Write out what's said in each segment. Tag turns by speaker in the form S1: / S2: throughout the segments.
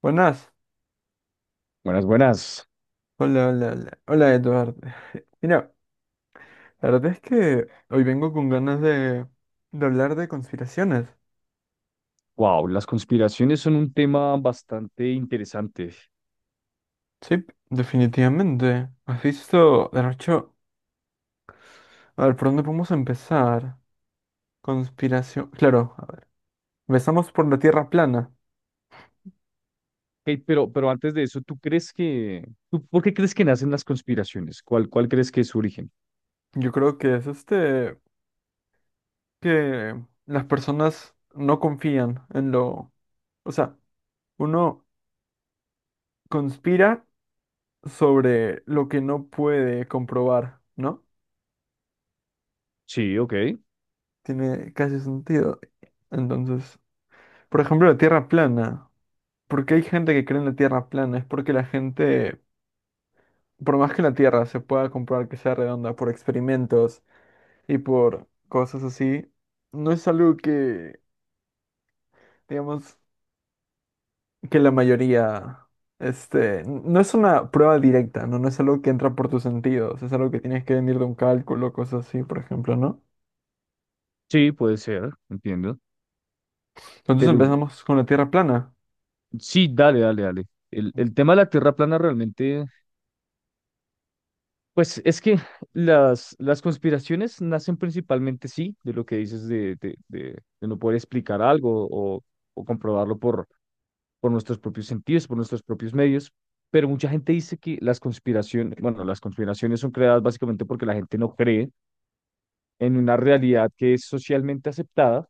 S1: Buenas.
S2: Buenas, buenas.
S1: Hola, hola, hola. Hola, Eduardo. Mira, la verdad es que hoy vengo con ganas de hablar de conspiraciones.
S2: Wow, las conspiraciones son un tema bastante interesante.
S1: Sí, definitivamente. ¿Has visto, de hecho, a ver, por dónde podemos empezar? Conspiración. Claro, a ver, empezamos por la Tierra plana.
S2: Ok, pero antes de eso, ¿tú crees que, tú, por qué crees que nacen las conspiraciones? ¿Cuál, cuál crees que es su origen?
S1: Yo creo que es que las personas no confían en lo... O sea, uno conspira sobre lo que no puede comprobar, ¿no?
S2: Sí, ok.
S1: Tiene casi sentido. Entonces, por ejemplo, la Tierra plana. ¿Por qué hay gente que cree en la Tierra plana? Es porque la gente, por más que la Tierra se pueda comprobar que sea redonda por experimentos y por cosas así, no es algo que, digamos, que la mayoría, no es una prueba directa, ¿no? No es algo que entra por tus sentidos, es algo que tienes que venir de un cálculo, cosas así, por ejemplo, ¿no?
S2: Sí, puede ser, entiendo.
S1: Entonces
S2: Pero
S1: empezamos con la Tierra plana.
S2: sí, dale, dale, dale. El tema de la Tierra plana realmente, pues es que las conspiraciones nacen principalmente, sí, de lo que dices de, de no poder explicar algo o comprobarlo por nuestros propios sentidos, por nuestros propios medios, pero mucha gente dice que las conspiraciones, bueno, las conspiraciones son creadas básicamente porque la gente no cree en una realidad que es socialmente aceptada,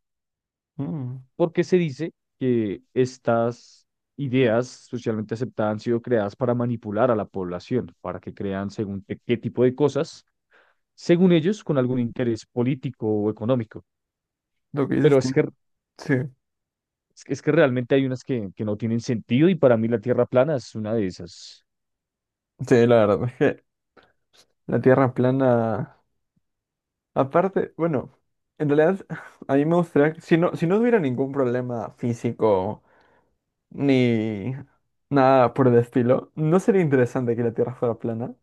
S1: Mm,
S2: porque se dice que estas ideas socialmente aceptadas han sido creadas para manipular a la población, para que crean según qué, qué tipo de cosas, según ellos, con algún interés político o económico.
S1: lo que
S2: Pero
S1: dices tiene... Sí.
S2: es que realmente hay unas que no tienen sentido, y para mí la Tierra plana es una de esas.
S1: Sí, la verdad. La Tierra plana. Aparte, bueno, en realidad a mí me gustaría, si no, si no hubiera ningún problema físico ni nada por el estilo, ¿no sería interesante que la Tierra fuera plana?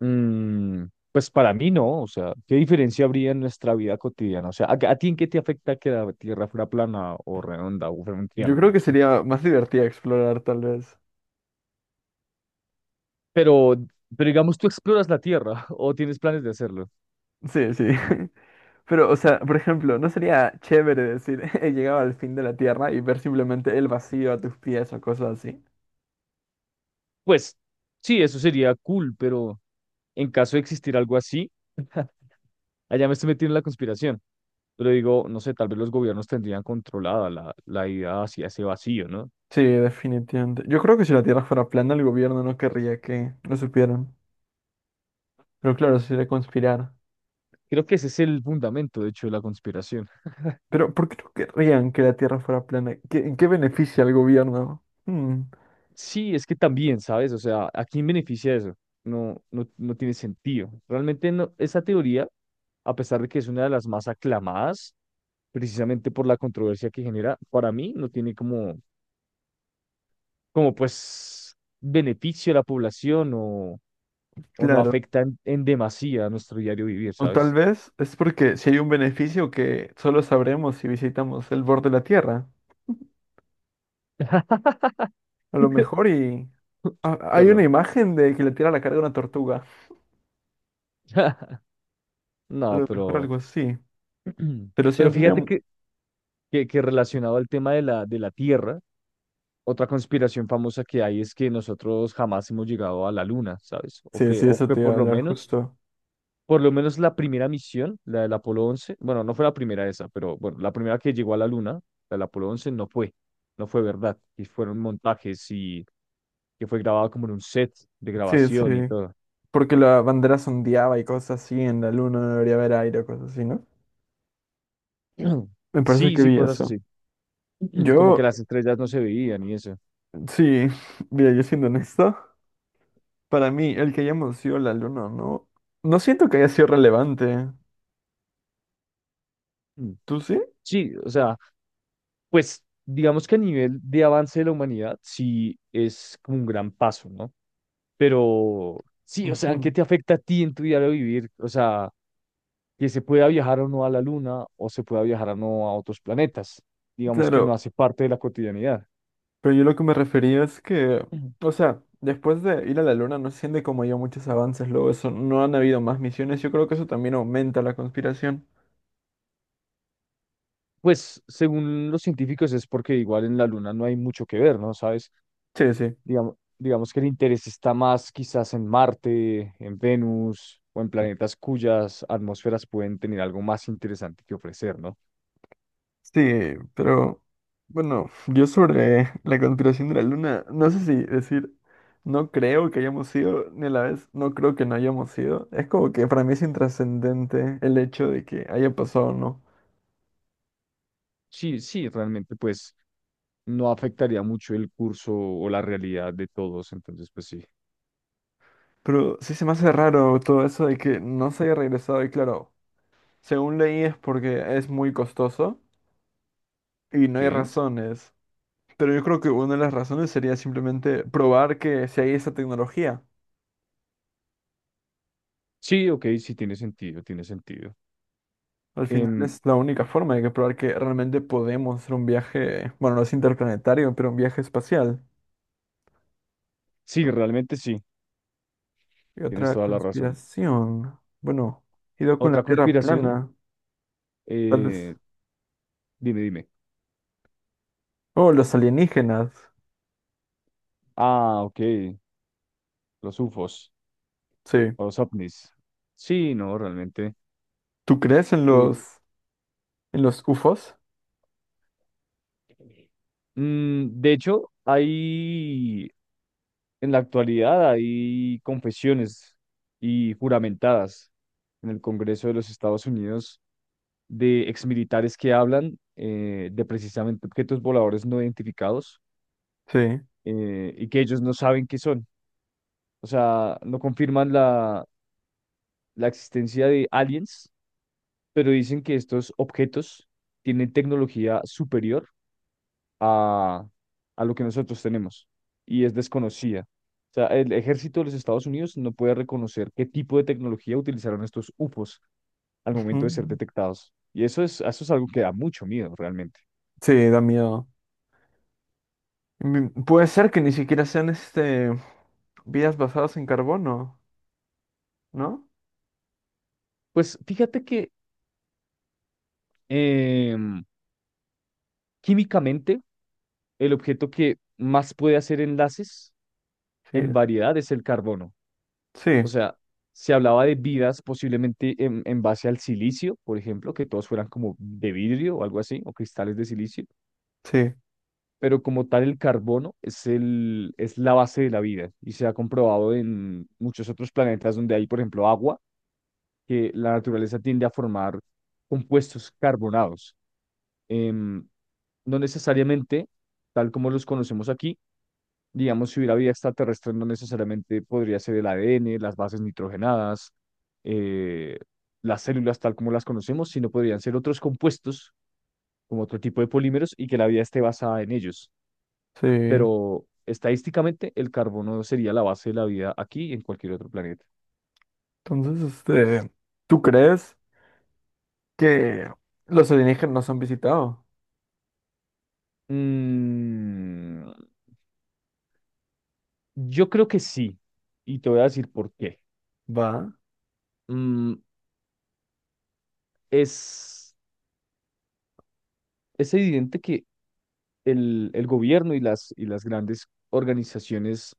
S2: Mm, pues para mí no. O sea, ¿qué diferencia habría en nuestra vida cotidiana? O sea, a ti en qué te afecta que la Tierra fuera plana o redonda o fuera un
S1: Yo creo
S2: triángulo?
S1: que sería más divertida explorar, tal vez.
S2: Pero, pero digamos, tú exploras la Tierra o tienes planes de hacerlo.
S1: Sí, sí. Pero, o sea, por ejemplo, ¿no sería chévere decir, he llegado al fin de la Tierra y ver simplemente el vacío a tus pies o cosas así?
S2: Pues sí, eso sería cool, pero en caso de existir algo así, allá me estoy metiendo en la conspiración. Pero digo, no sé, tal vez los gobiernos tendrían controlada la, la idea hacia ese vacío, ¿no?
S1: Sí, definitivamente. Yo creo que si la Tierra fuera plana, el gobierno no querría que lo supieran. Pero claro, sería conspirar.
S2: Creo que ese es el fundamento, de hecho, de la conspiración.
S1: Pero, ¿por qué no querrían que la Tierra fuera plana? ¿Qué- ¿en qué beneficia al gobierno? Hmm,
S2: Sí, es que también, ¿sabes? O sea, ¿a quién beneficia eso? No, no, no tiene sentido. Realmente no, esa teoría, a pesar de que es una de las más aclamadas, precisamente por la controversia que genera, para mí no tiene como, como pues beneficio a la población o no
S1: claro.
S2: afecta en demasía a nuestro diario vivir,
S1: O tal
S2: ¿sabes?
S1: vez es porque si hay un beneficio que solo sabremos si visitamos el borde de la Tierra. A lo mejor y... ah, hay una
S2: Perdón.
S1: imagen de que la Tierra la carga una tortuga. A
S2: No,
S1: lo mejor
S2: pero,
S1: algo así. Pero sí,
S2: pero
S1: no tendría...
S2: fíjate
S1: mu-
S2: que, que relacionado al tema de la tierra. Otra conspiración famosa que hay es que nosotros jamás hemos llegado a la Luna, ¿sabes?
S1: Sí, sí,
S2: O
S1: eso
S2: que
S1: te iba a hablar justo.
S2: por lo menos la primera misión, la del Apolo once, bueno, no fue la primera esa, pero bueno, la primera que llegó a la Luna, la del Apolo 11 no fue, no fue verdad, y fueron montajes y que fue grabado como en un set de
S1: Sí, sí.
S2: grabación y todo.
S1: Porque la bandera sondeaba y cosas así, en la luna no debería haber aire o cosas así, ¿no? Me parece
S2: Sí,
S1: que
S2: sí,
S1: vi
S2: cosas
S1: eso.
S2: así, como que
S1: Yo,
S2: las estrellas no se veían y eso.
S1: sí, mira, yo siendo honesto. Para mí, el que hayamos sido la luna, no, no siento que haya sido relevante.
S2: Mm.
S1: ¿Tú sí?
S2: Sí, o sea, pues digamos que a nivel de avance de la humanidad, sí es como un gran paso, ¿no? Pero sí, o sea, ¿en qué
S1: Ujú.
S2: te afecta a ti en tu diario vivir? O sea, que se pueda viajar o no a la luna, o se pueda viajar o no a otros planetas. Digamos que no
S1: Claro,
S2: hace parte de la cotidianidad.
S1: pero yo lo que me refería es que,
S2: Ujú.
S1: o sea, después de ir a la luna no se siente como haya muchos avances, luego eso, no han habido más misiones, yo creo que eso también aumenta la conspiración.
S2: Pues según los científicos es porque igual en la luna no hay mucho que ver, ¿no? ¿Sabes?
S1: Sí, sí.
S2: Digamos que el interés está más quizás en Marte, en Venus o en planetas cuyas atmósferas pueden tener algo más interesante que ofrecer, ¿no?
S1: Sí, pero bueno, yo sobre la conspiración de la luna, no sé si decir, no creo que hayamos sido, ni a la vez, no creo que no hayamos sido. Es como que para mí es intrascendente el hecho de que haya pasado o no.
S2: Sí, sí, realmente pues no afectaría mucho el curso o la realidad de todos. Entonces, pues sí.
S1: Pero sí se me hace raro todo eso de que no se haya regresado. Y claro, según leí es porque es muy costoso y no hay
S2: Sí,
S1: razones. Pero yo creo que una de las razones sería simplemente probar que si hay esa tecnología.
S2: sí, ok, sí tiene sentido, tiene sentido.
S1: Al final
S2: Em,
S1: es la única forma de que probar que realmente podemos hacer un viaje, bueno, no es interplanetario, pero un viaje espacial.
S2: sí,
S1: ¿No?
S2: realmente sí,
S1: Y
S2: tienes
S1: otra
S2: toda la razón.
S1: conspiración. Bueno, ido con la
S2: Otra
S1: Tierra
S2: conspiración,
S1: plana, tal vez.
S2: eh, dime, dime.
S1: Oh, los alienígenas.
S2: Ah, ok, los UFOs,
S1: Sí.
S2: o los ovnis. Sí, no, realmente.
S1: ¿Tú crees en
S2: eh,
S1: los UFOs?
S2: de hecho, hay, en la actualidad hay confesiones y juramentadas en el Congreso de los Estados Unidos de exmilitares que hablan, de precisamente objetos voladores no identificados,
S1: Sí.
S2: y que ellos no saben qué son. O sea, no confirman la, la existencia de aliens, pero dicen que estos objetos tienen tecnología superior a, a lo que nosotros tenemos, y es desconocida. O sea, el ejército de los Estados Unidos no puede reconocer qué tipo de tecnología utilizaron estos UFOs al
S1: Ujú.
S2: momento de ser detectados. Y eso es algo que da mucho miedo realmente.
S1: Sí, da miedo. Puede ser que ni siquiera sean vidas basadas en carbono, ¿no?
S2: Pues fíjate que Em, químicamente, el objeto que más puede hacer enlaces
S1: Sí,
S2: en variedad es el carbono. O
S1: sí,
S2: sea, se hablaba de vidas posiblemente en base al silicio, por ejemplo, que todos fueran como de vidrio o algo así, o cristales de silicio,
S1: sí,
S2: pero como tal el carbono es el, es la base de la vida, y se ha comprobado en muchos otros planetas donde hay, por ejemplo, agua, que la naturaleza tiende a formar compuestos carbonados. Em, no necesariamente tal como los conocemos aquí. Digamos, si hubiera vida extraterrestre, no necesariamente podría ser el ADN, las bases nitrogenadas, eh, las células tal como las conocemos, sino podrían ser otros compuestos, como otro tipo de polímeros, y que la vida esté basada en ellos.
S1: sí.
S2: Pero estadísticamente, el carbono sería la base de la vida aquí y en cualquier otro planeta.
S1: Entonces, ¿tú crees que los alienígenas nos han visitado?
S2: Mm, yo creo que sí, y te voy a decir por qué.
S1: Va,
S2: Mm, es, es evidente que el gobierno y las grandes organizaciones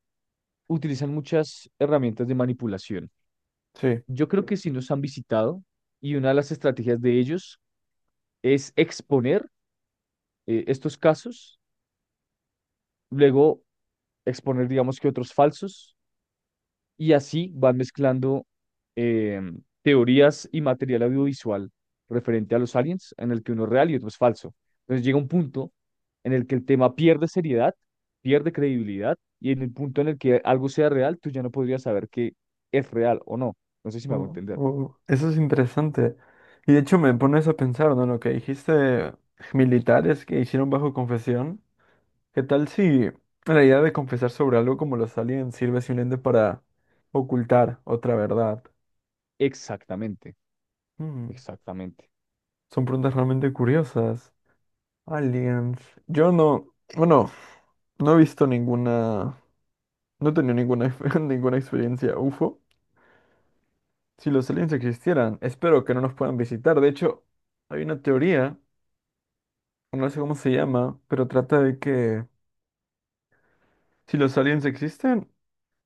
S2: utilizan muchas herramientas de manipulación.
S1: sí.
S2: Yo creo que sí nos han visitado, y una de las estrategias de ellos es exponer, estos casos, luego exponer, digamos, que otros falsos, y así van mezclando, eh, teorías y material audiovisual referente a los aliens, en el que uno es real y otro es falso. Entonces llega un punto en el que el tema pierde seriedad, pierde credibilidad, y en el punto en el que algo sea real, tú ya no podrías saber que es real o no. No sé si me hago
S1: Oh,
S2: entender.
S1: oh, eso es interesante. Y de hecho me pones a pensar, ¿no? Lo que dijiste, militares que hicieron bajo confesión. ¿Qué tal si la idea de confesar sobre algo como los aliens sirve simplemente para ocultar otra verdad?
S2: Exactamente,
S1: Mm,
S2: exactamente.
S1: son preguntas realmente curiosas. Aliens. Yo no, bueno, no he visto ninguna, no he tenido ninguna, ninguna experiencia UFO. Si los aliens existieran, espero que no nos puedan visitar. De hecho, hay una teoría, no sé cómo se llama, pero trata de que si los aliens existen,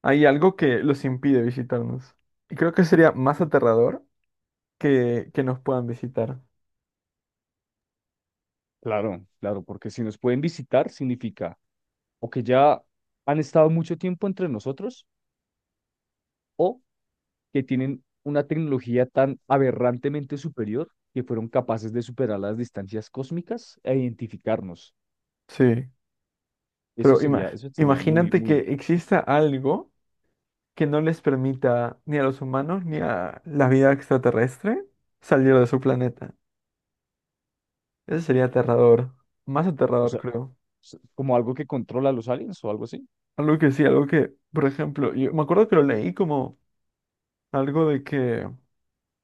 S1: hay algo que los impide visitarnos. Y creo que sería más aterrador que nos puedan visitar.
S2: Claro, claro, porque si nos pueden visitar significa o que ya han estado mucho tiempo entre nosotros, o que tienen una tecnología tan aberrantemente superior que fueron capaces de superar las distancias cósmicas e identificarnos.
S1: Sí, pero ima-
S2: Eso sería muy,
S1: imagínate que
S2: muy,
S1: exista algo que no les permita ni a los humanos ni a la vida extraterrestre salir de su planeta. Eso sería aterrador, más
S2: o
S1: aterrador,
S2: sea,
S1: creo.
S2: s- como algo que controla a los aliens o algo así.
S1: Algo que sí, algo que, por ejemplo, yo me acuerdo que lo leí como algo de que,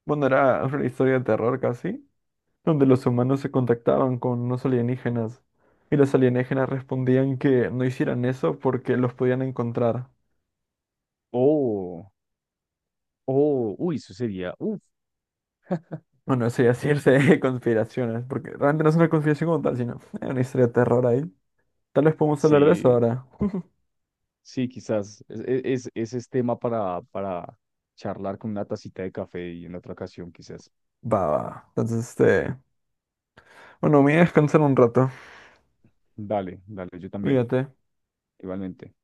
S1: bueno, era una historia de terror casi, donde los humanos se contactaban con unos alienígenas y los alienígenas respondían que no hicieran eso porque los podían encontrar.
S2: O, o, uy, eso sería, uff,
S1: Bueno, eso ya sí es irse de conspiraciones, porque realmente no es una conspiración como tal, sino una historia de terror ahí. Tal vez podemos hablar de eso
S2: sí.
S1: ahora.
S2: Sí, quizás es, es tema para charlar con una tacita de café y en otra ocasión, quizás.
S1: Va, va. Entonces, bueno, me voy a descansar un rato.
S2: Dale, dale, yo también,
S1: Cuídate.
S2: igualmente.